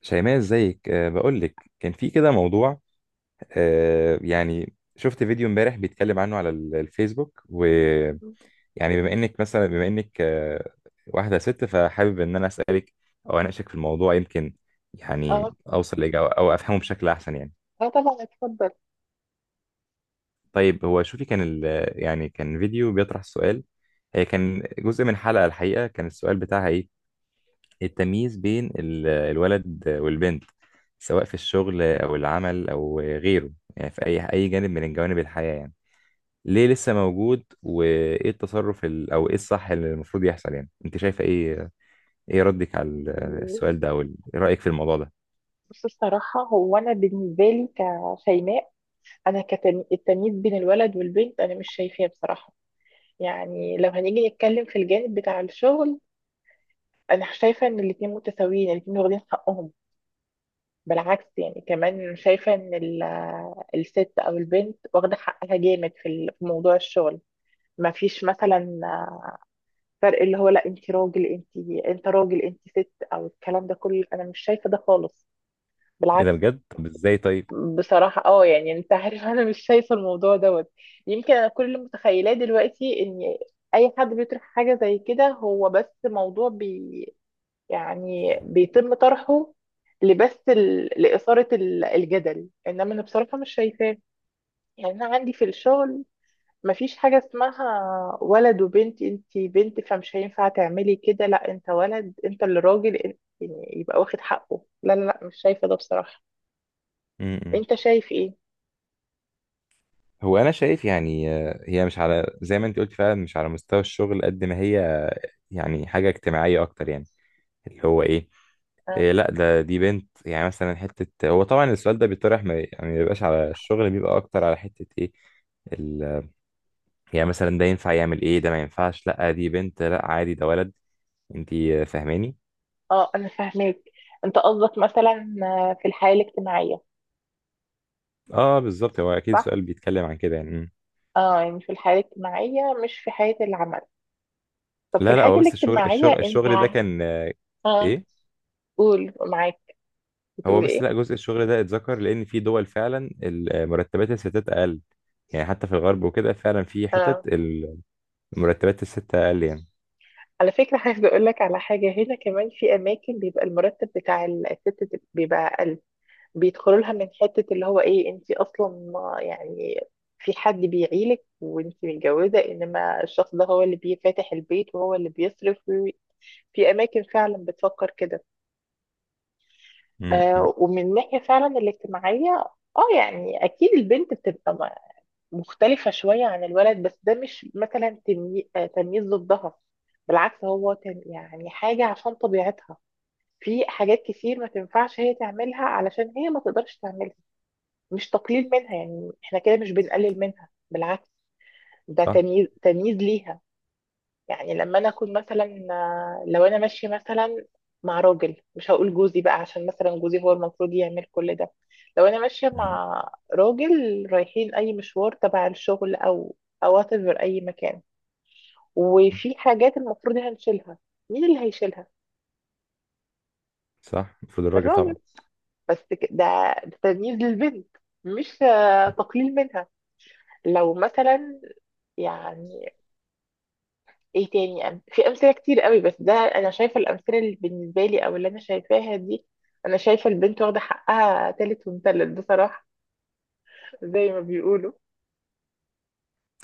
شيماء، ازيك؟ بقول لك كان في كده موضوع. يعني شفت فيديو امبارح بيتكلم عنه على الفيسبوك، ويعني بما انك واحدة ست، فحابب ان انا اسالك او اناقشك في الموضوع، يمكن اه يعني اوصل لاجابة او افهمه بشكل احسن يعني. اه طبعا، اتفضل. طيب، هو شوفي، كان ال يعني كان فيديو بيطرح السؤال. هي كان جزء من حلقة الحقيقة، كان السؤال بتاعها ايه؟ التمييز بين الولد والبنت، سواء في الشغل او العمل او غيره، يعني في اي جانب من جوانب الحياة يعني. ليه لسه موجود؟ وايه التصرف او ايه الصح اللي المفروض يحصل؟ يعني انت شايفه ايه ردك على السؤال ده، او رايك في الموضوع ده؟ بص، الصراحة هو أنا بالنسبة لي كشيماء، أنا كالتمييز بين الولد والبنت أنا مش شايفاه بصراحة. يعني لو هنيجي نتكلم في الجانب بتاع الشغل، أنا شايفة إن الاتنين متساويين الاتنين واخدين حقهم. بالعكس، يعني كمان شايفة إن الست أو البنت واخدة حقها جامد في في موضوع الشغل. ما فيش مثلا فرق اللي هو لا انت راجل انت راجل انت ست او الكلام ده كله، انا مش شايفه ده خالص، ايه ده؟ بالعكس. بجد؟ طب ازاي؟ طيب. بصراحة، يعني انت عارف انا مش شايفة الموضوع دوت. يمكن انا كل اللي متخيلاه دلوقتي ان اي حد بيطرح حاجة زي كده، هو بس موضوع يعني بيتم طرحه لإثارة الجدل، انما انا بصراحة مش شايفاه. يعني انا عندي في الشغل مفيش حاجة اسمها ولد وبنت، انت بنت فمش هينفع تعملي كده، لا انت ولد انت اللي راجل يعني يبقى واخد حقه. لا لا لا، مش شايفة ده بصراحة. م-م. انت شايف ايه؟ هو انا شايف يعني هي مش على زي ما انت قلت، فعلا مش على مستوى الشغل، قد ما هي يعني حاجة اجتماعية اكتر يعني. اللي هو ايه، آه. إيه لا دي بنت. يعني مثلا حتة، هو طبعا السؤال ده بيطرح ما بيبقاش على الشغل، بيبقى أكتر على حتة إيه، ال... يعني مثلا ده ينفع يعمل إيه، ده ما ينفعش لا دي بنت، لا عادي ده ولد. أنتي فاهماني؟ اه، انا فاهماك. انت قصدك مثلا، في الحياة الاجتماعية؟ أه، بالظبط، هو أكيد صح؟ السؤال بيتكلم عن كده يعني. مم. اه، يعني في الحياة الاجتماعية مش في حياة العمل. طب في لا، لا، الحياة هو بس الشغل الاجتماعية الشغل انت، الشغل ده كان اه إيه. قول معاك. هو بتقول بس ايه؟ لا، جزء الشغل ده اتذكر، لأن في دول فعلا مرتبات الستات أقل. يعني حتى في الغرب وكده، فعلا في حتت اه، مرتبات الست أقل يعني. على فكرة عايز اقول لك على حاجة، هنا كمان في اماكن بيبقى المرتب بتاع الست بيبقى اقل. بيدخلوا لها من حتة اللي هو ايه، انت اصلا يعني في حد بيعيلك وانت متجوزة، انما الشخص ده هو اللي بيفتح البيت وهو اللي بيصرف. في اماكن فعلا بتفكر كده. مم، مم. ومن الناحية فعلا الاجتماعية، اه يعني اكيد البنت بتبقى مختلفة شوية عن الولد، بس ده مش مثلا تمييز ضدها. بالعكس هو يعني حاجة عشان طبيعتها. في حاجات كتير ما تنفعش هي تعملها علشان هي ما تقدرش تعملها. مش تقليل منها، يعني احنا كده مش بنقلل منها، بالعكس، ده صح؟ تمييز تمييز ليها. يعني لما انا اكون مثلا، لو انا ماشيه مثلا مع راجل، مش هقول جوزي بقى، عشان مثلا جوزي هو المفروض يعمل كل ده. لو انا ماشيه مم. مع راجل رايحين اي مشوار تبع الشغل او whatever اي مكان، وفي حاجات المفروض هنشيلها، مين اللي هيشيلها؟ صح، المفروض الراجل الراجل. طبعا. بس ده تمييز للبنت، مش تقليل منها. لو مثلا يعني ايه تاني في امثله كتير قوي، بس ده انا شايفه الامثله اللي بالنسبه لي او اللي انا شايفاها دي. انا شايفه البنت واخده حقها تالت ومتلت بصراحه، زي ما بيقولوا.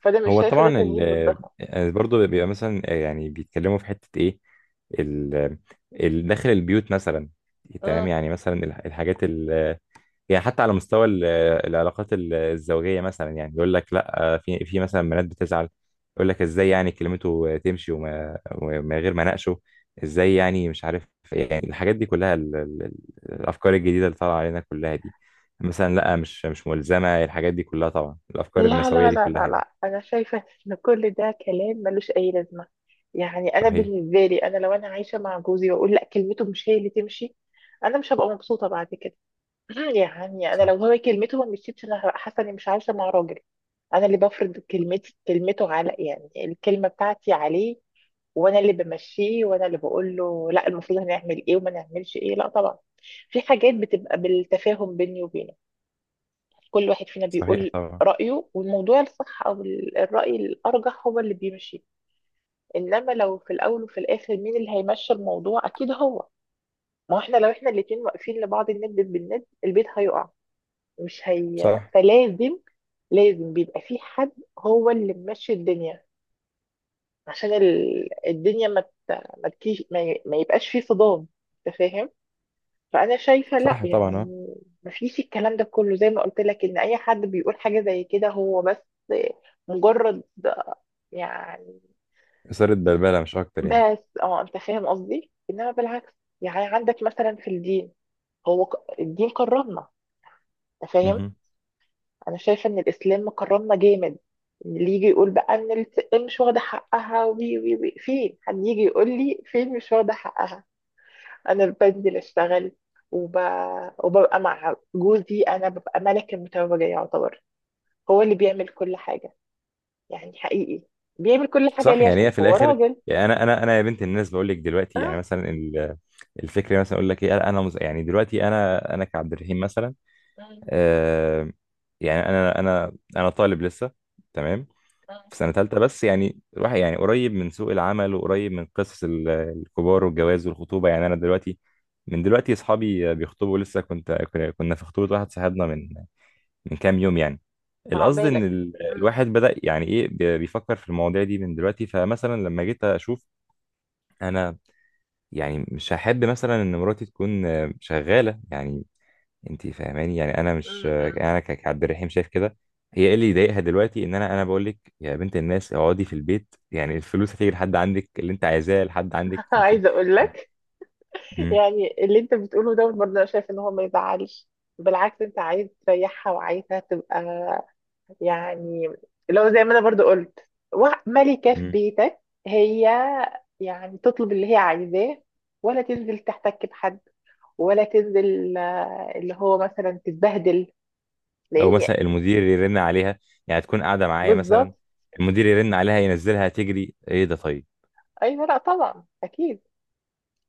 فده مش هو شايفه ده طبعا ال تمييز بالضخم. آه، برضه بيبقى مثلا يعني بيتكلموا في حتة ايه ال داخل البيوت مثلا. تمام، مم. يعني مثلا الحاجات يعني حتى على مستوى العلاقات الزوجية مثلا، يعني يقول لك لا، في مثلا بنات بتزعل. يقول لك ازاي، يعني كلمته تمشي ومن غير ما اناقشه. ازاي يعني؟ مش عارف. إيه. يعني الحاجات دي كلها، الافكار الجديدة اللي طالعة علينا كلها دي. مثلا لا، مش ملزمة الحاجات دي كلها، طبعا الافكار لا النسوية لا دي لا كلها لا يعني. لا، انا شايفه ان كل ده كلام ملوش اي لازمه. يعني انا صحيح. بالنسبه لي، انا لو انا عايشه مع جوزي واقول لا كلمته مش هي اللي تمشي، انا مش هبقى مبسوطه بعد كده. يعني انا صح. لو هو كلمته ما مشيتش انا هبقى حاسه اني مش عايشه مع راجل. انا اللي بفرض كلمتي كلمته على، يعني الكلمه بتاعتي عليه، وانا اللي بمشيه وانا اللي بقول له لا المفروض هنعمل ايه وما نعملش ايه. لا طبعا في حاجات بتبقى بالتفاهم بيني وبينه. كل واحد فينا صحيح بيقول طبعا. رايه والموضوع الصح او الراي الارجح هو اللي بيمشي. انما لو في الاول وفي الاخر مين اللي هيمشي الموضوع، اكيد هو. ما هو احنا لو احنا الاتنين واقفين لبعض الند بالند البيت هيقع. مش هي، صح. فلازم بيبقى في حد هو اللي ماشي الدنيا عشان الدنيا ما تكيش ما يبقاش في صدام، انت فاهم. فانا شايفه لا صح طبعا، اه. يعني. ما فيش الكلام ده كله، زي ما قلت لك ان اي حد بيقول حاجه زي كده هو بس مجرد، يعني. إثارة بلبلة مش اكتر بس انت فاهم قصدي، انما بالعكس يعني عندك مثلا في الدين، هو الدين كرمنا، انت فاهم. يعني. انا شايفه ان الاسلام مكرمنا جامد. اللي يجي يقول بقى ان الست مش واخده حقها وي وي وي، فين؟ حد يجي يقول لي فين مش واخده حقها. انا بنزل اشتغل، وب... وببقى مع جوزي انا ببقى ملك المتوجه يعتبر. هو اللي بيعمل كل حاجه، يعني حقيقي بيعمل كل حاجه. صح، ليه؟ يعني عشان هي في هو الاخر. راجل. يعني انا يا بنت الناس بقول لك دلوقتي، اه. يعني مثلا الفكره مثلا اقول لك ايه، يعني دلوقتي انا كعبد الرحيم مثلا. مم، آه. يعني انا طالب لسه. تمام. مم. في سنه ثالثه، بس يعني راح، يعني قريب من سوق العمل، وقريب من قصص الكبار والجواز والخطوبه، يعني انا دلوقتي. من دلوقتي اصحابي بيخطبوا، لسه كنا في خطوبه واحد صاحبنا من كام يوم يعني. القصد ان عقبالك. مم، الواحد بدأ يعني ايه، بيفكر في المواضيع دي من دلوقتي، فمثلا لما جيت اشوف. انا. يعني مش هحب مثلا ان مراتي تكون شغالة يعني. انت فاهماني، يعني انا مم، مش آه، مم. انا ك- كعبد الرحيم شايف كده. هي ايه اللي يضايقها دلوقتي؟ ان انا بقول لك يا بنت الناس اقعدي في البيت، يعني الفلوس هتيجي لحد عندك، اللي انت عايزاه لحد عندك انت. عايزه اقول لك. مم. يعني اللي انت بتقوله دوت برضه انا شايف ان هو ما يزعلش. بالعكس انت عايز تريحها وعايزها تبقى، يعني لو زي ما انا برضه قلت، ملكة في مم. بيتك. هي يعني تطلب اللي هي عايزاه، ولا تنزل تحتك بحد، ولا تنزل اللي هو مثلا تتبهدل، او لان. مثلا المدير يرن عليها، يعني تكون قاعدة معايا مثلا، بالظبط. المدير يرن عليها ينزلها تجري. ايه ده؟ طيب. ايوه لا طبعا اكيد.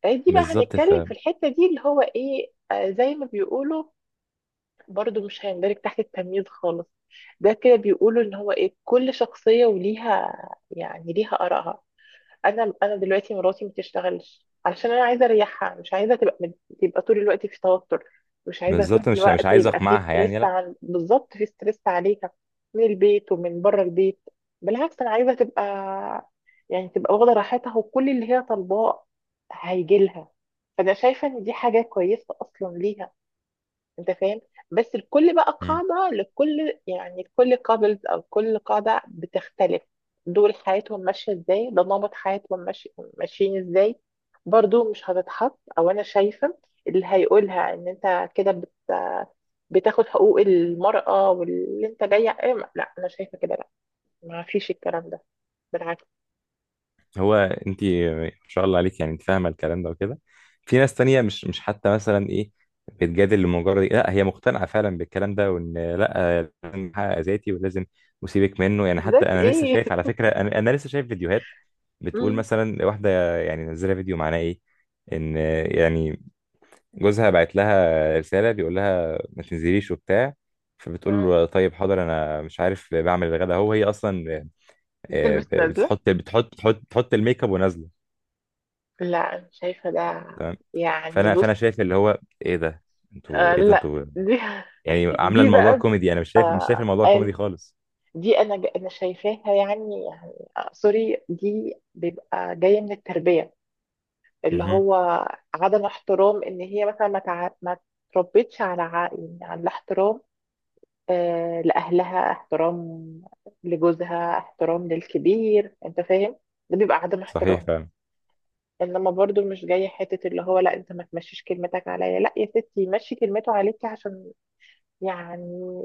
دي بقى بالظبط. هنتكلم في الحتة دي اللي هو ايه زي ما بيقولوا، برضو مش هيندرج تحت التمييز خالص. ده كده بيقولوا ان هو ايه كل شخصية وليها، يعني ليها آرائها. انا دلوقتي مراتي ما بتشتغلش علشان انا عايزة اريحها، مش عايزة تبقى طول الوقت في توتر، مش عايزة طول بالظبط، مش الوقت عايز يبقى في اقمعها ستريس، يعني، لا. عن بالظبط في ستريس عليها، من البيت ومن بره البيت. بالعكس انا عايزة تبقى، يعني تبقى واخدة راحتها وكل اللي هي طالباه هيجي لها. فانا شايفة ان دي حاجة كويسة اصلا ليها، انت فاهم. بس الكل بقى مم. قاعدة لكل، يعني كل كابلز او كل قاعدة بتختلف. دول حياتهم ماشية ازاي، ده نمط حياتهم، ماشيين ازاي. برضو مش هتتحط او انا شايفة اللي هيقولها ان انت كده بتاخد حقوق المرأة واللي انت جاية ايه لا انا شايفة كده لا. ما فيش الكلام ده، بالعكس. هو انت ما شاء الله عليك، يعني انت فاهمه الكلام ده وكده. في ناس تانية مش حتى مثلا ايه، بتجادل لمجرد إيه، لا هي مقتنعه فعلا بالكلام ده، وان لا لازم احقق ذاتي ولازم اسيبك منه يعني. حتى ذات انا لسه ايه شايف على فكره، أنا لسه شايف فيديوهات بتقول مم. مثلا، واحده يعني نزلها فيديو، معناه ايه؟ ان يعني جوزها بعت لها رسالة بيقول لها ما تنزليش وبتاع. فبتقول مم. له طيب حاضر، انا مش عارف، بعمل الغدا هو هي اصلا بتلبس نازلة. بتحط الميك اب ونازله. لا انا شايفة ده، تمام. يعني فانا بص. شايف اللي هو، ايه ده انتوا آه ايه ده لا انتوا دي يعني عامله دي الموضوع بقى، كوميدي، انا مش شايف آه الموضوع أن- كوميدي خالص. دي انا انا شايفاها يعني سوري، دي بيبقى جايه من التربيه، اللي مهم. هو عدم احترام، ان هي مثلا ما تربيتش على يعني على الاحترام. لاهلها احترام، لجوزها احترام، للكبير انت فاهم. ده بيبقى عدم صحيح احترام، فعلا. انما برضو مش جايه حته اللي هو لا انت ما تمشيش كلمتك عليا. لا يا ستي مشي كلمته عليكي، عشان يعني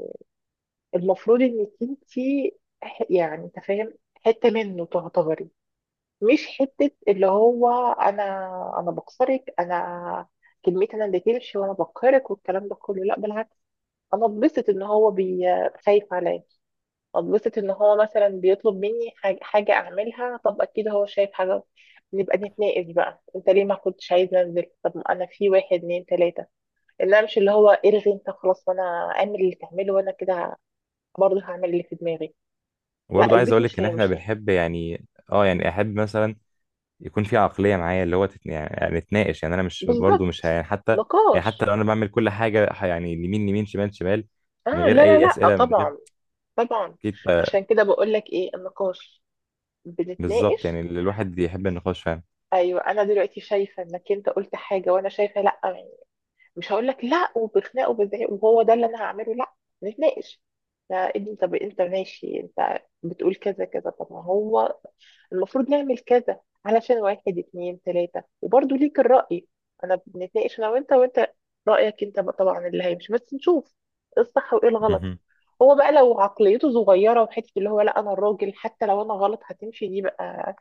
المفروض انك انتي يعني انت فاهم حته منه تعتبري، مش حته اللي هو انا بكسرك، انا كلمتي انا اللي تمشي وانا بقهرك والكلام ده كله، لا بالعكس. انا اتبسط ان هو خايف عليا. اتبسط ان هو مثلا بيطلب مني حاجه اعملها، طب اكيد هو شايف حاجه، نبقى نتناقش بقى، انت ليه ما كنتش عايز انزل؟ طب انا في واحد اتنين تلاته، انما مش اللي هو الغي انت خلاص وانا اعمل اللي تعمله، وانا كده برضه هعمل اللي في دماغي. لا وبرضه عايز البيت اقول لك مش ان هي احنا مش هي. بنحب يعني، اه يعني احب مثلا يكون في عقلية معايا اللي هو يعني نتناقش، يعني انا مش برضو مش ه... بالظبط. يعني حتى، يعني حتى نقاش، لو انا بعمل كل حاجة يعني يمين يمين شمال شمال، اه من غير لا لا اي لا، أسئلة. من غير طبعا طبعا. أكيد. عشان كده بقول لك ايه النقاش، بالظبط، بنتناقش. يعني اللي الواحد يحب النقاش فاهم. ايوه انا دلوقتي شايفه انك انت قلت حاجه وانا شايفه لا يعني، مش هقول لك لا وبخناق وبزعيق وهو ده اللي انا هعمله، لا نتناقش. لا انت، طب انت ماشي، انت بتقول كذا كذا، طب ما هو المفروض نعمل كذا علشان واحد اتنين تلاتة، وبرضه ليك الرأي. انا بنتناقش انا وانت رأيك انت بقى طبعا اللي هيمشي، بس نشوف ايه الصح وايه الغلط. مهم. هو بقى لو عقليته صغيرة وحتة اللي هو لا انا الراجل حتى لو انا غلط هتمشي، دي بقى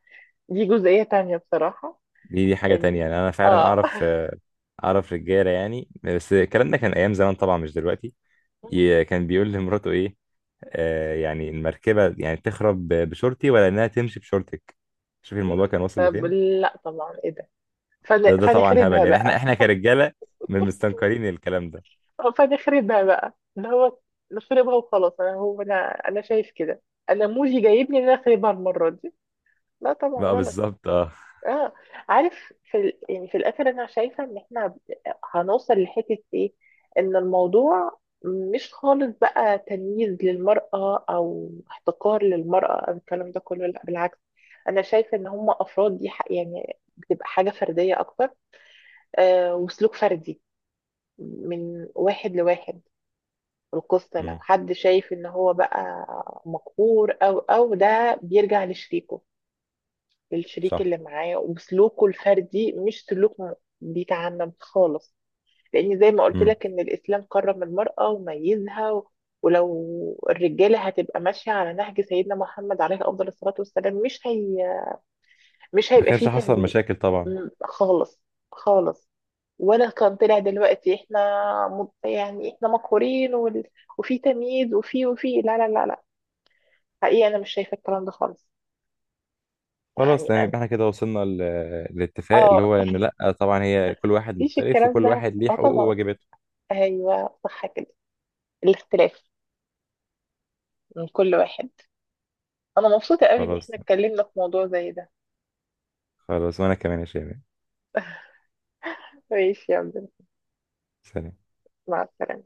دي جزئية تانية بصراحة. دي حاجة تانية، ان، يعني أنا فعلا اه أعرف أعرف رجالة يعني، بس الكلام ده كان أيام زمان طبعا، مش دلوقتي. كان بيقول لمراته إيه؟ يعني المركبة يعني تخرب بشورتي، ولا إنها تمشي بشورتك. شوفي الموضوع كان واصل طب لفين. لا طبعا، ايه ده؟ ده طبعا هبل، فنخربها يعني احنا بقى. احنا كرجاله من مستنكرين الكلام ده. فنخربها بقى اللي هو نخربها وخلاص، انا هو انا شايف كده. انا موجي جايبني ان انا اخربها المره دي، لا طبعا بقى غلط. بالظبط، اه. اه، عارف يعني في الاخر انا شايفه ان احنا هنوصل لحته ايه. ان الموضوع مش خالص بقى تمييز للمرأة أو احتقار للمرأة أو الكلام ده كله، لا بالعكس. أنا شايفة إن هم أفراد، دي يعني بتبقى حاجة فردية أكتر، وسلوك فردي من واحد لواحد. القصة لو امم. حد شايف ان هو بقى مقهور او ده بيرجع لشريكه، للشريك صح. اللي معاه وسلوكه الفردي، مش سلوك بيتعمم خالص. لان زي ما قلت امم. لك ان الاسلام كرم المرأة وميزها ولو الرجالة هتبقى ماشية على نهج سيدنا محمد عليه افضل الصلاة والسلام، مش هي، مش ما هيبقى فيه كانش حصل تنميق مشاكل طبعا. خالص خالص. ولا كان طلع دلوقتي احنا يعني احنا مقهورين وفي تمييز وفي لا لا لا لا، حقيقي انا مش شايفه الكلام ده خالص. خلاص يعني تمام، انا، يبقى احنا كده وصلنا للاتفاق اه اللي هو ان لا طبعا، هي كل واحد مفيش مختلف، الكلام وكل ده، واحد ليه اه حقوقه طبعا. وواجباته. ايوه صح كده، الاختلاف من كل واحد. انا مبسوطه قوي ان خلاص. احنا اتكلمنا في موضوع زي ده. خلاص، وانا كمان يا شباب. ماشي يا عبد. سلام. مع السلامه.